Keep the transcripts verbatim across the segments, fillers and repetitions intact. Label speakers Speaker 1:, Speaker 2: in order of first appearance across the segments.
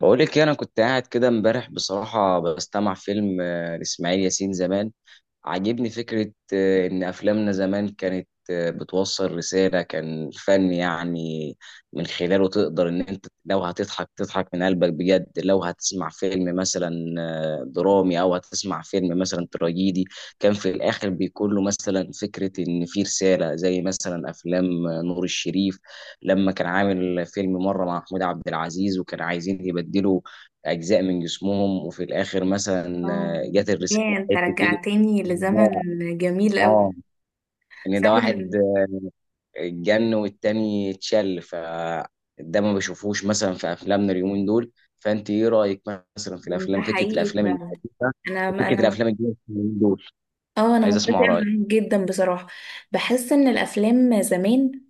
Speaker 1: بقولك إيه، انا كنت قاعد كده امبارح بصراحه بستمع فيلم آه، لاسماعيل ياسين زمان. عاجبني فكرة آه، إن أفلامنا زمان كانت آه، بتوصل رسالة، كان فن يعني. من خلاله تقدر إن أنت لو هتضحك تضحك من قلبك بجد، لو هتسمع فيلم مثلا آه، درامي أو هتسمع فيلم مثلا تراجيدي كان في الآخر بيكون له مثلا فكرة إن في رسالة، زي مثلا أفلام آه، نور الشريف لما كان عامل فيلم مرة مع محمود عبد العزيز وكان عايزين يبدلوا أجزاء من جسمهم وفي الآخر مثلا
Speaker 2: اه.
Speaker 1: آه، جت الرسالة.
Speaker 2: ياه، انت
Speaker 1: حتة إيه
Speaker 2: رجعتني لزمن
Speaker 1: ده؟
Speaker 2: جميل قوي.
Speaker 1: اه، ان ده واحد
Speaker 2: فعلا،
Speaker 1: اتجن والتاني اتشل، فده ما بشوفوش مثلا في افلامنا اليومين دول. فانت ايه رايك مثلا في
Speaker 2: ده
Speaker 1: الافلام، فكره
Speaker 2: حقيقي
Speaker 1: الافلام
Speaker 2: فعلا.
Speaker 1: الحديثه
Speaker 2: انا
Speaker 1: وفكره
Speaker 2: انا
Speaker 1: الافلام الجديده اليومين دول؟
Speaker 2: اه، انا
Speaker 1: عايز
Speaker 2: متفقه
Speaker 1: اسمع رايك.
Speaker 2: معاك جدا بصراحه. بحس ان الافلام زمان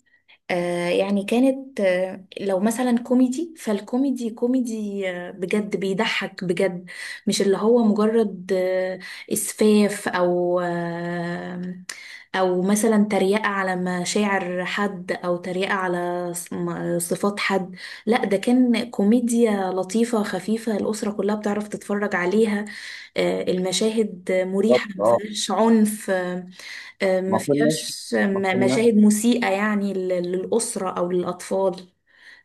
Speaker 2: آه يعني كانت آه، لو مثلا كوميدي فالكوميدي كوميدي آه بجد بيضحك بجد. مش اللي هو مجرد آه إسفاف أو آه أو مثلا تريقة على مشاعر حد أو تريقة على ص- م- صفات حد. لا، ده كان كوميديا لطيفة خفيفة، الأسرة كلها بتعرف تتفرج عليها. آه، المشاهد
Speaker 1: بالظبط،
Speaker 2: مريحة، ما
Speaker 1: اه.
Speaker 2: فيهاش عنف آه، آه،
Speaker 1: ما
Speaker 2: ما
Speaker 1: كناش
Speaker 2: فيهاش
Speaker 1: ما
Speaker 2: م- مشاهد
Speaker 1: كناش
Speaker 2: مسيئة يعني لل- للأسرة أو للأطفال.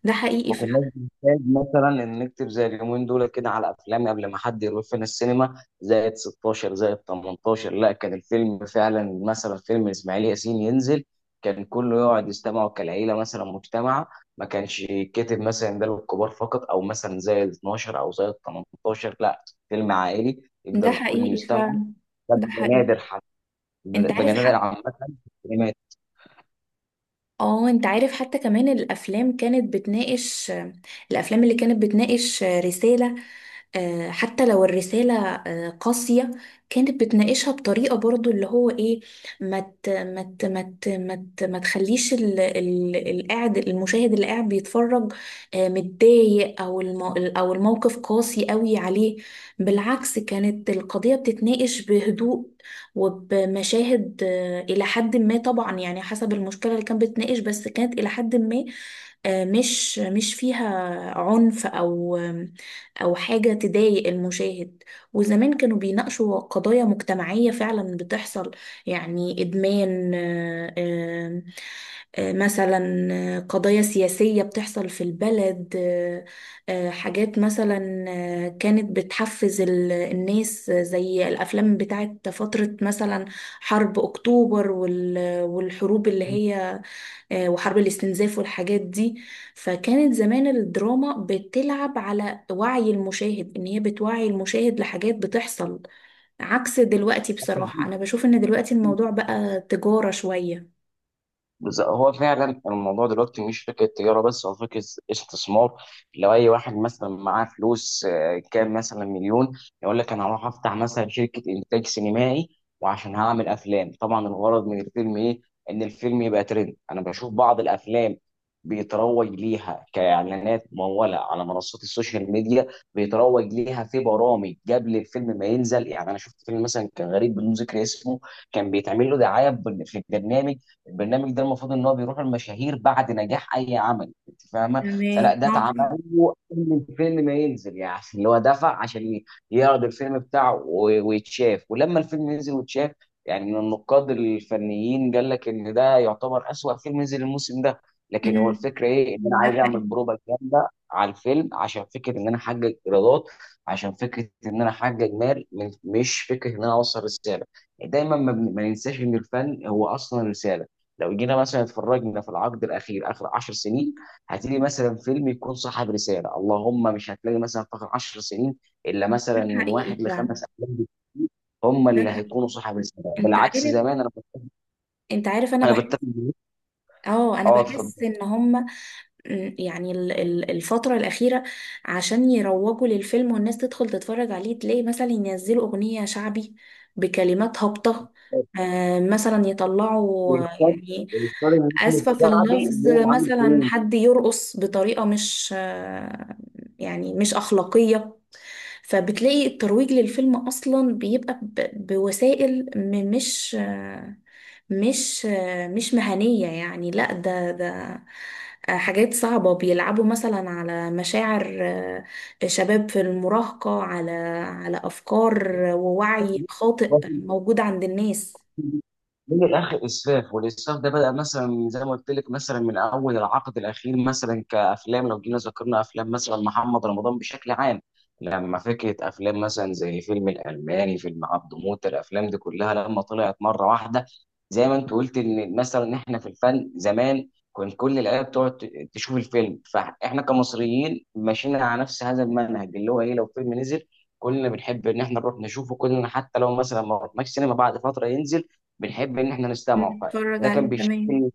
Speaker 2: ده حقيقي
Speaker 1: ما كناش
Speaker 2: فعلا.
Speaker 1: بنحتاج مثلا ان نكتب زي اليومين دول كده على افلام قبل ما حد يروح فينا السينما زائد ستاشر زائد تمنتاشر. لا، كان الفيلم فعلا، مثلا فيلم اسماعيل ياسين ينزل كان كله يقعد يستمعوا كالعيله، مثلا مجتمع. ما كانش يتكتب مثلا ده للكبار فقط، او مثلا زائد اتناشر او زائد تمنتاشر. لا، فيلم عائلي
Speaker 2: ده
Speaker 1: يقدر الكل
Speaker 2: حقيقي
Speaker 1: يستمع.
Speaker 2: فعلا.
Speaker 1: ده
Speaker 2: ده
Speaker 1: بقى
Speaker 2: حقيقي.
Speaker 1: نادر حتى،
Speaker 2: انت
Speaker 1: بقى
Speaker 2: عارف
Speaker 1: نادر
Speaker 2: حتى.
Speaker 1: عامه في
Speaker 2: اه، انت عارف حتى كمان الافلام كانت بتناقش، الافلام اللي كانت بتناقش رسالة. آه، حتى لو الرسالة آه، قاسية، كانت بتناقشها بطريقة برضو اللي هو ايه، ما ت- ما ت- ما ت- ما ت- ما تخليش ال- ال- القاعد، المشاهد اللي قاعد بيتفرج آه، متضايق، او المو او الموقف قاسي قوي عليه. بالعكس، كانت القضية بتتناقش بهدوء وبمشاهد آه، الى حد ما، طبعا يعني حسب المشكلة اللي كانت بتناقش، بس كانت الى حد ما آه، مش مش فيها عنف او أو حاجة تضايق المشاهد. وزمان كانوا بيناقشوا قضايا مجتمعية فعلا بتحصل، يعني إدمان آه، آه، آه، مثلا، آه، قضايا سياسية بتحصل في البلد آه، آه، حاجات مثلا آه، كانت بتحفز ال- الناس، آه، زي الأفلام بتاعت فترة مثلا حرب أكتوبر وال- والحروب اللي هي آه، وحرب الاستنزاف والحاجات دي. فكانت زمان الدراما بتلعب على وعي المشاهد، ان هي بتوعي المشاهد لحاجات بتحصل، عكس دلوقتي. بصراحة انا
Speaker 1: السينمات.
Speaker 2: بشوف ان دلوقتي الموضوع بقى تجارة شوية.
Speaker 1: بز- هو فعلا الموضوع دلوقتي مش فكره تجاره بس، هو فكره استثمار. لو اي واحد مثلا معاه فلوس آه، كام مثلا مليون يقول لك انا هروح افتح مثلا شركه انتاج سينمائي، وعشان هعمل افلام. طبعا الغرض من الفيلم ايه؟ ان الفيلم يبقى ترند. انا بشوف بعض الافلام بيتروج ليها كاعلانات مموله على منصات السوشيال ميديا، بيتروج ليها في برامج قبل الفيلم ما ينزل. يعني انا شفت فيلم مثلا كان غريب بدون ذكر اسمه كان بيتعمل له دعايه في البرنامج. البرنامج ده المفروض ان هو بيروح المشاهير بعد نجاح اي عمل، انت فاهمه،
Speaker 2: تمام.
Speaker 1: فلا، ده اتعمل
Speaker 2: آه،
Speaker 1: له قبل الفيلم ما ينزل. يعني اللي هو دفع عشان ي- يعرض الفيلم بتاعه و- ويتشاف. ولما الفيلم ينزل ويتشاف، يعني من النقاد الفنيين قال لك ان ده يعتبر اسوأ فيلم نزل الموسم ده. لكن هو
Speaker 2: أمم،
Speaker 1: الفكره ايه؟ ان انا
Speaker 2: ده
Speaker 1: عايز اعمل
Speaker 2: حقيقي.
Speaker 1: بروبا جامده على الفيلم عشان فكره ان انا احقق ايرادات، عشان فكره ان انا احقق مال من- مش فكره ان انا اوصل رساله. دايما ما بن- ما ننساش ان الفن هو اصلا رساله. لو جينا مثلا اتفرجنا في العقد الاخير، اخر 10 سنين، هتلاقي مثلا فيلم يكون صاحب رساله، اللهم مش هتلاقي مثلا في اخر 10 سنين الا
Speaker 2: ده
Speaker 1: مثلا من
Speaker 2: حقيقي
Speaker 1: واحد
Speaker 2: فعلا.
Speaker 1: لخمس افلام بالكتير هم
Speaker 2: ده
Speaker 1: اللي
Speaker 2: حقيقي.
Speaker 1: هيكونوا صاحب رساله.
Speaker 2: انت
Speaker 1: بالعكس
Speaker 2: عارف،
Speaker 1: زمان، انا
Speaker 2: انت عارف، انا
Speaker 1: انا
Speaker 2: بحس،
Speaker 1: بتفق معاك.
Speaker 2: اه انا
Speaker 1: اه،
Speaker 2: بحس
Speaker 1: اتفضل.
Speaker 2: ان هم. مم، يعني ال- ال- الفترة الأخيرة عشان يروجوا للفيلم والناس تدخل تتفرج عليه، تلاقي مثلا ينزلوا أغنية شعبي بكلمات هابطة. آه، مثلا يطلعوا آه،
Speaker 1: يختار،
Speaker 2: يعني
Speaker 1: يختار النجم
Speaker 2: آسفة في
Speaker 1: الشعبي
Speaker 2: اللفظ،
Speaker 1: اللي هو عامل
Speaker 2: مثلا
Speaker 1: فيلم.
Speaker 2: حد يرقص بطريقة مش آه، يعني مش أخلاقية. فبتلاقي الترويج للفيلم أصلا بيبقى ب- بوسائل م- مش آه، مش آه، مش مهنية، يعني لا، ده ده آه، حاجات صعبة. بيلعبوا مثلا على مشاعر آه، شباب في المراهقة، على على أفكار ووعي خاطئ موجود عند الناس.
Speaker 1: من الاخر اسفاف، والاسفاف ده بدا مثلا زي ما قلت لك مثلا من اول العقد الاخير مثلا كافلام. لو جينا ذكرنا افلام مثلا محمد رمضان بشكل عام لما فكره افلام مثلا زي فيلم الالماني، فيلم عبده موته، الافلام دي كلها لما طلعت مره واحده. زي ما انت قلت، ان مثلا احنا في الفن زمان كان كل العيله بتقعد ت- تشوف الفيلم. فاحنا كمصريين ماشيين على نفس هذا المنهج، اللي هو ايه؟ لو فيلم نزل كلنا بنحب ان احنا نروح نشوفه كلنا، حتى لو مثلا ما رحناش سينما بعد فتره ينزل بنحب ان احنا نستمعه.
Speaker 2: نتفرج
Speaker 1: فده كان
Speaker 2: عليه، تمام.
Speaker 1: بيشاركني،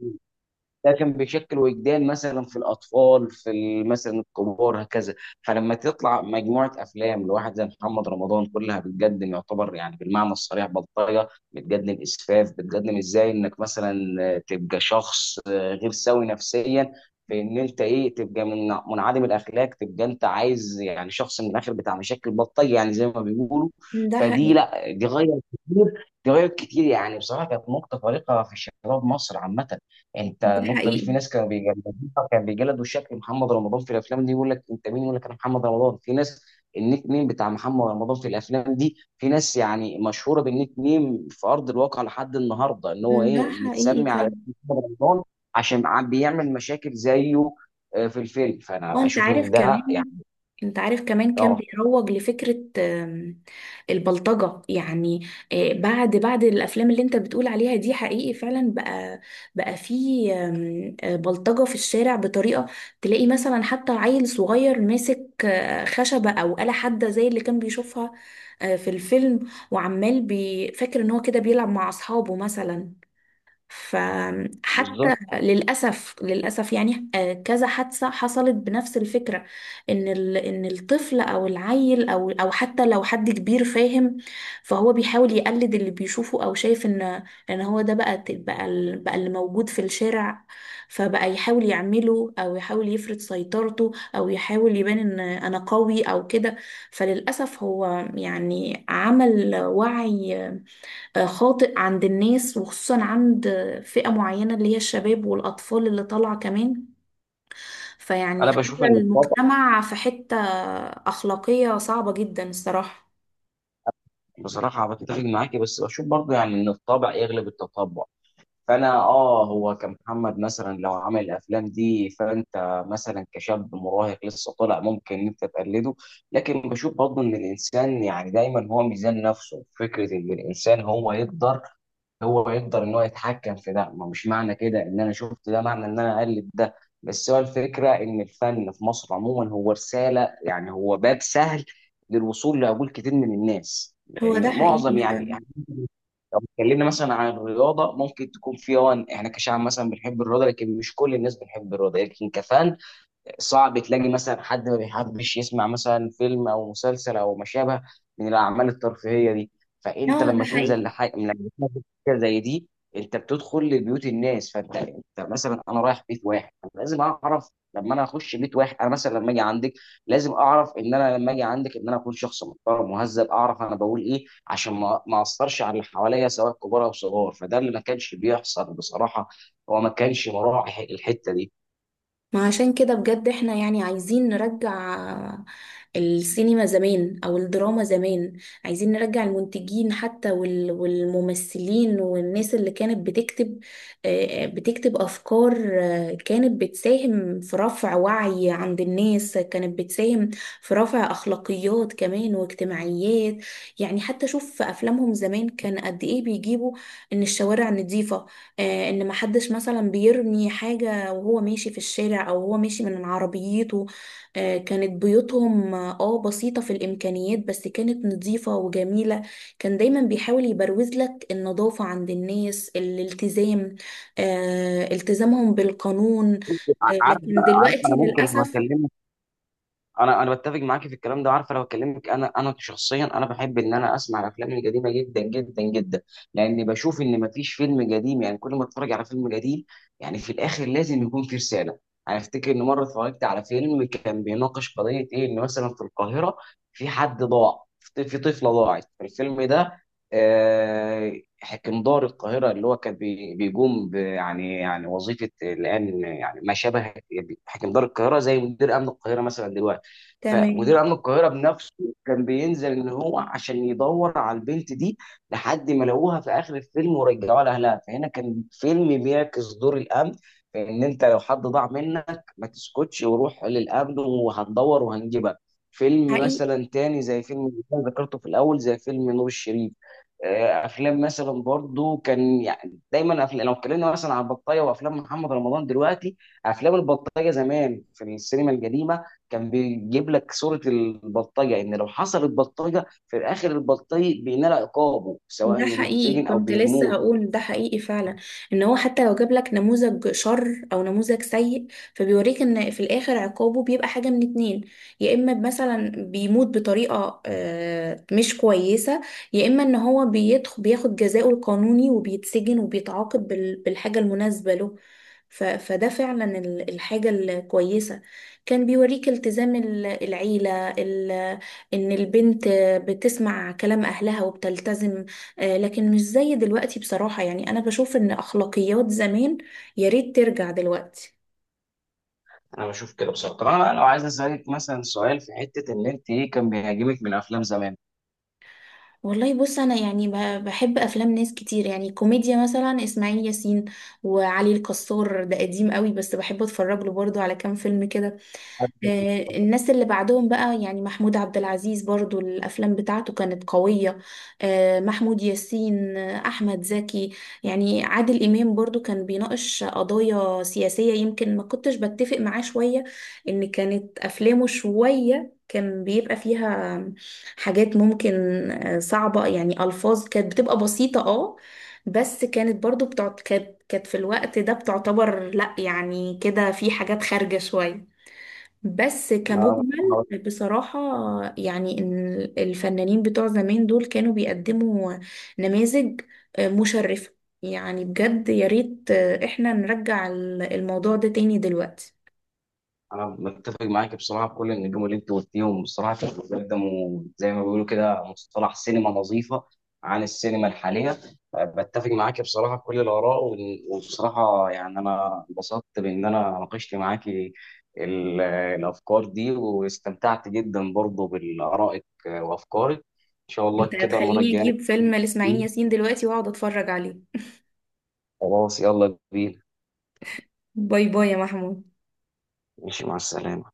Speaker 1: ده كان بيشكل وجدان مثلا في الاطفال في ال- مثلا الكبار هكذا. فلما تطلع مجموعه افلام لواحد زي محمد رمضان كلها بتقدم، يعتبر يعني بالمعنى الصريح بلطجه، بتقدم اسفاف، بتقدم ازاي انك مثلا آه، تبقى شخص آه، غير سوي نفسيا، في ان انت ايه تبقى من منعدم الاخلاق، تبقى انت عايز يعني شخص من الاخر بتاع مشاكل بلطجه يعني زي ما بيقولوا.
Speaker 2: ده
Speaker 1: فدي
Speaker 2: حقيقي.
Speaker 1: لا، دي غير كتير، دي غير كتير يعني بصراحه. كانت نقطه فارقه في شباب مصر عامه. انت
Speaker 2: ده
Speaker 1: النقطه دي في
Speaker 2: حقيقي.
Speaker 1: ناس كانوا بيجلدوها، كان بيجلدوا شكل محمد رمضان في الافلام دي. يقول لك انت مين؟ يقول لك انا محمد رمضان. في ناس النيك نيم بتاع محمد رمضان في الافلام دي، في ناس يعني مشهوره بالنيك نيم في ارض الواقع لحد النهارده ان هو
Speaker 2: ده
Speaker 1: ايه
Speaker 2: حقيقي.
Speaker 1: متسمي على اسم محمد رمضان عشان عم بيعمل مشاكل زيه آه، في الفيلم.
Speaker 2: اه،
Speaker 1: فانا
Speaker 2: انت
Speaker 1: اشوف
Speaker 2: عارف
Speaker 1: ان ده
Speaker 2: كمان،
Speaker 1: يعني
Speaker 2: انت عارف كمان كان
Speaker 1: غلط.
Speaker 2: بيروج لفكرة آم، البلطجة يعني. آه، بعد بعد الافلام اللي انت بتقول عليها دي، حقيقي فعلا بقى، بقى في آم، آه، بلطجة في الشارع بطريقة تلاقي مثلا حتى عيل صغير ماسك آه، خشبة او آلة حادة زي اللي كان بيشوفها آه، في الفيلم، وعمال بي- فاكر ان هو كده بيلعب مع اصحابه مثلا.
Speaker 1: بالظبط،
Speaker 2: فحتى للأسف، للأسف يعني آه، كذا حادثة حصلت بنفس الفكرة. إن ال- إن الطفل أو العيل أو أو حتى لو حد كبير فاهم، فهو بيحاول يقلد اللي بيشوفه أو شايف إن، إن هو ده بقى ت- بقى ال- بقى اللي موجود في الشارع، فبقى يحاول يعمله أو يحاول يفرض سيطرته أو يحاول يبان إن أنا قوي أو كده. فللأسف هو يعني عمل وعي آه، خاطئ عند الناس، وخصوصا عند فئة معينة اللي هي الشباب والأطفال اللي طالعة كمان. فيعني
Speaker 1: انا بشوف
Speaker 2: خلى
Speaker 1: ان الطبع
Speaker 2: المجتمع في حتة أخلاقية صعبة جدا الصراحة.
Speaker 1: بصراحه. بتفق معاكي بس بشوف برضه يعني ان الطبع يغلب التطبع. فانا اه، هو كمحمد مثلا لو عمل الافلام دي فانت مثلا كشاب مراهق لسه طالع ممكن إن انت تقلده. لكن بشوف برضه ان الانسان يعني دايما هو ميزان نفسه، فكره ان الانسان هو يقدر، هو يقدر ان هو يتحكم في ده. ما مش معنى كده ان انا شفت ده معنى ان انا اقلد ده. بس هو الفكره ان الفن في مصر عموما هو رساله، يعني هو باب سهل للوصول لعقول كتير من الناس،
Speaker 2: هو ده
Speaker 1: لان
Speaker 2: حقيقي
Speaker 1: معظم يعني،
Speaker 2: فعلا.
Speaker 1: لو اتكلمنا مثلا عن الرياضه ممكن تكون في اه احنا كشعب مثلا بنحب الرياضه، لكن مش كل الناس بنحب الرياضه. لكن كفان صعب تلاقي مثلا حد ما بيحبش يسمع مثلا فيلم او مسلسل او ما شابه من الاعمال الترفيهيه دي. فانت
Speaker 2: اه،
Speaker 1: لما
Speaker 2: ده
Speaker 1: تنزل
Speaker 2: حقيقي.
Speaker 1: لحاجه، لما تنزل حاجه زي دي انت بتدخل لبيوت الناس. فانت، انت مثلا انا رايح بيت واحد لازم اعرف، لما انا اخش بيت واحد، انا مثلا لما اجي عندك لازم اعرف ان انا لما اجي عندك ان انا اكون شخص محترم مهذب، اعرف انا بقول ايه عشان ما ما اثرش على اللي حواليا سواء كبار او صغار. فده اللي ما كانش بيحصل بصراحه، هو ما كانش مراعي الحته دي.
Speaker 2: ما عشان كده بجد احنا يعني عايزين نرجع السينما زمان او الدراما زمان. عايزين نرجع المنتجين حتى وال- والممثلين والناس اللي كانت بتكتب آه، آه، بتكتب افكار. آه، كانت بتساهم في رفع وعي عند الناس، كانت بتساهم في رفع اخلاقيات كمان واجتماعيات. يعني حتى شوف في افلامهم زمان كان قد ايه بيجيبوا ان الشوارع نظيفة. آه، ان محدش مثلا بيرمي حاجة او هو ماشي في الشارع او هو ماشي من عربيته. آه، كانت بيوتهم اه آه، بسيطة في الامكانيات بس كانت نظيفة وجميلة. كان دايما بيحاول يبروز لك النظافة عند الناس، الالتزام، آه، التزامهم بالقانون. آه،
Speaker 1: عارف،
Speaker 2: لكن
Speaker 1: عارف
Speaker 2: دلوقتي
Speaker 1: انا ممكن لو
Speaker 2: للأسف.
Speaker 1: اكلمك، انا انا بتفق معاكي في الكلام ده. عارفه لو اكلمك انا، انا شخصيا انا بحب ان انا اسمع الافلام القديمه جدا جدا جدا، لاني بشوف ان مفيش فيلم قديم يعني كل ما اتفرج على فيلم قديم يعني في الاخر لازم يكون في رساله. انا افتكر ان مره اتفرجت على فيلم كان بيناقش قضيه ايه، ان مثلا في القاهره في حد ضاع، في في طفله ضاعت في الفيلم ده. آه، حكم دار القاهره اللي هو كان بي- بيقوم ب- يعني يعني وظيفه الان يعني ما شابه، حكم دار القاهره زي مدير امن القاهره مثلا دلوقتي.
Speaker 2: تمام.
Speaker 1: فمدير امن القاهره بنفسه كان بينزل ان هو عشان يدور على البنت دي لحد ما لقوها في اخر الفيلم ورجعوها لاهلها. فهنا كان فيلم بيعكس دور الامن في ان انت لو حد ضاع منك ما تسكتش وروح للامن وهندور وهنجيبك. فيلم
Speaker 2: حقيقي.
Speaker 1: مثلا تاني زي فيلم اللي أنا ذكرته في الاول زي فيلم نور الشريف، آه، افلام مثلا برضو كان يعني دايما أفلام. لو اتكلمنا مثلا عن البطايه وافلام محمد رمضان دلوقتي، افلام البطايه زمان في السينما القديمه كان بيجيب لك صورة البلطجة إن لو حصلت بلطجة في الآخر البلطجي بينال عقابه، سواء
Speaker 2: ده
Speaker 1: إنه
Speaker 2: حقيقي،
Speaker 1: بيتسجن أو
Speaker 2: كنت لسه
Speaker 1: بيموت.
Speaker 2: هقول ده حقيقي فعلا، ان هو حتى لو جاب لك نموذج شر او نموذج سيء، فبيوريك ان في الاخر عقابه بيبقى حاجة من اتنين: يا اما مثلا بيموت بطريقة آه، مش كويسة، يا اما ان هو بيدخل بياخد جزاؤه القانوني وبيتسجن وبيتعاقب بال- بالحاجة المناسبة له. ف- فده فعلا ال- الحاجة الكويسة. كان بيوريك التزام ال- العيلة ال- ان البنت بتسمع كلام اهلها وبتلتزم. آه، لكن مش زي دلوقتي بصراحة، يعني أنا بشوف إن أخلاقيات زمان يا ريت ترجع دلوقتي.
Speaker 1: أنا بشوف كده بصراحة. طب أنا بقى لو عايز أسألك مثلا سؤال في حتة، إن أنت إيه كان بيعجبك من أفلام زمان؟
Speaker 2: والله بص، أنا يعني ب- بحب أفلام ناس كتير. يعني كوميديا مثلا إسماعيل ياسين وعلي الكسار، ده قديم قوي بس بحب أتفرج له برضه على كام فيلم كده. آه، الناس اللي بعدهم بقى، يعني محمود عبد العزيز برضو الأفلام بتاعته كانت قوية، آه، محمود ياسين، آه، أحمد زكي. يعني عادل إمام برضو كان بيناقش قضايا سياسية، يمكن ما كنتش بتفق معاه شوية، إن كانت أفلامه شوية كان بيبقى فيها حاجات ممكن آه، صعبة، يعني ألفاظ كانت بتبقى بسيطة اه، بس كانت برضو بتعت... كانت كانت في الوقت ده بتعتبر لأ يعني كده في حاجات خارجة شوية. بس
Speaker 1: أنا
Speaker 2: كمجمل بصراحة، يعني إن الفنانين بتوع زمان دول كانوا بيقدموا نماذج مشرفة. يعني بجد يا ريت احنا نرجع الموضوع ده تاني دلوقتي.
Speaker 1: انا متفق معاك بصراحه بكل النجوم اللي انت قلتيهم. بصراحه كانوا بيقدموا زي ما بيقولوا كده مصطلح سينما نظيفه عن السينما الحاليه. أه، بتفق معاك بصراحه في كل الاراء. وإن- وبصراحه يعني انا انبسطت بان انا ناقشت معاك ال- الافكار دي، واستمتعت جدا برضه بارائك وافكارك. ان شاء الله
Speaker 2: انت
Speaker 1: كده المره
Speaker 2: هتخليني
Speaker 1: الجايه
Speaker 2: اجيب فيلم لإسماعيل
Speaker 1: نتكلم.
Speaker 2: ياسين دلوقتي واقعد اتفرج عليه.
Speaker 1: خلاص يلا بينا.
Speaker 2: باي باي يا محمود.
Speaker 1: ماشي، مع السلامه.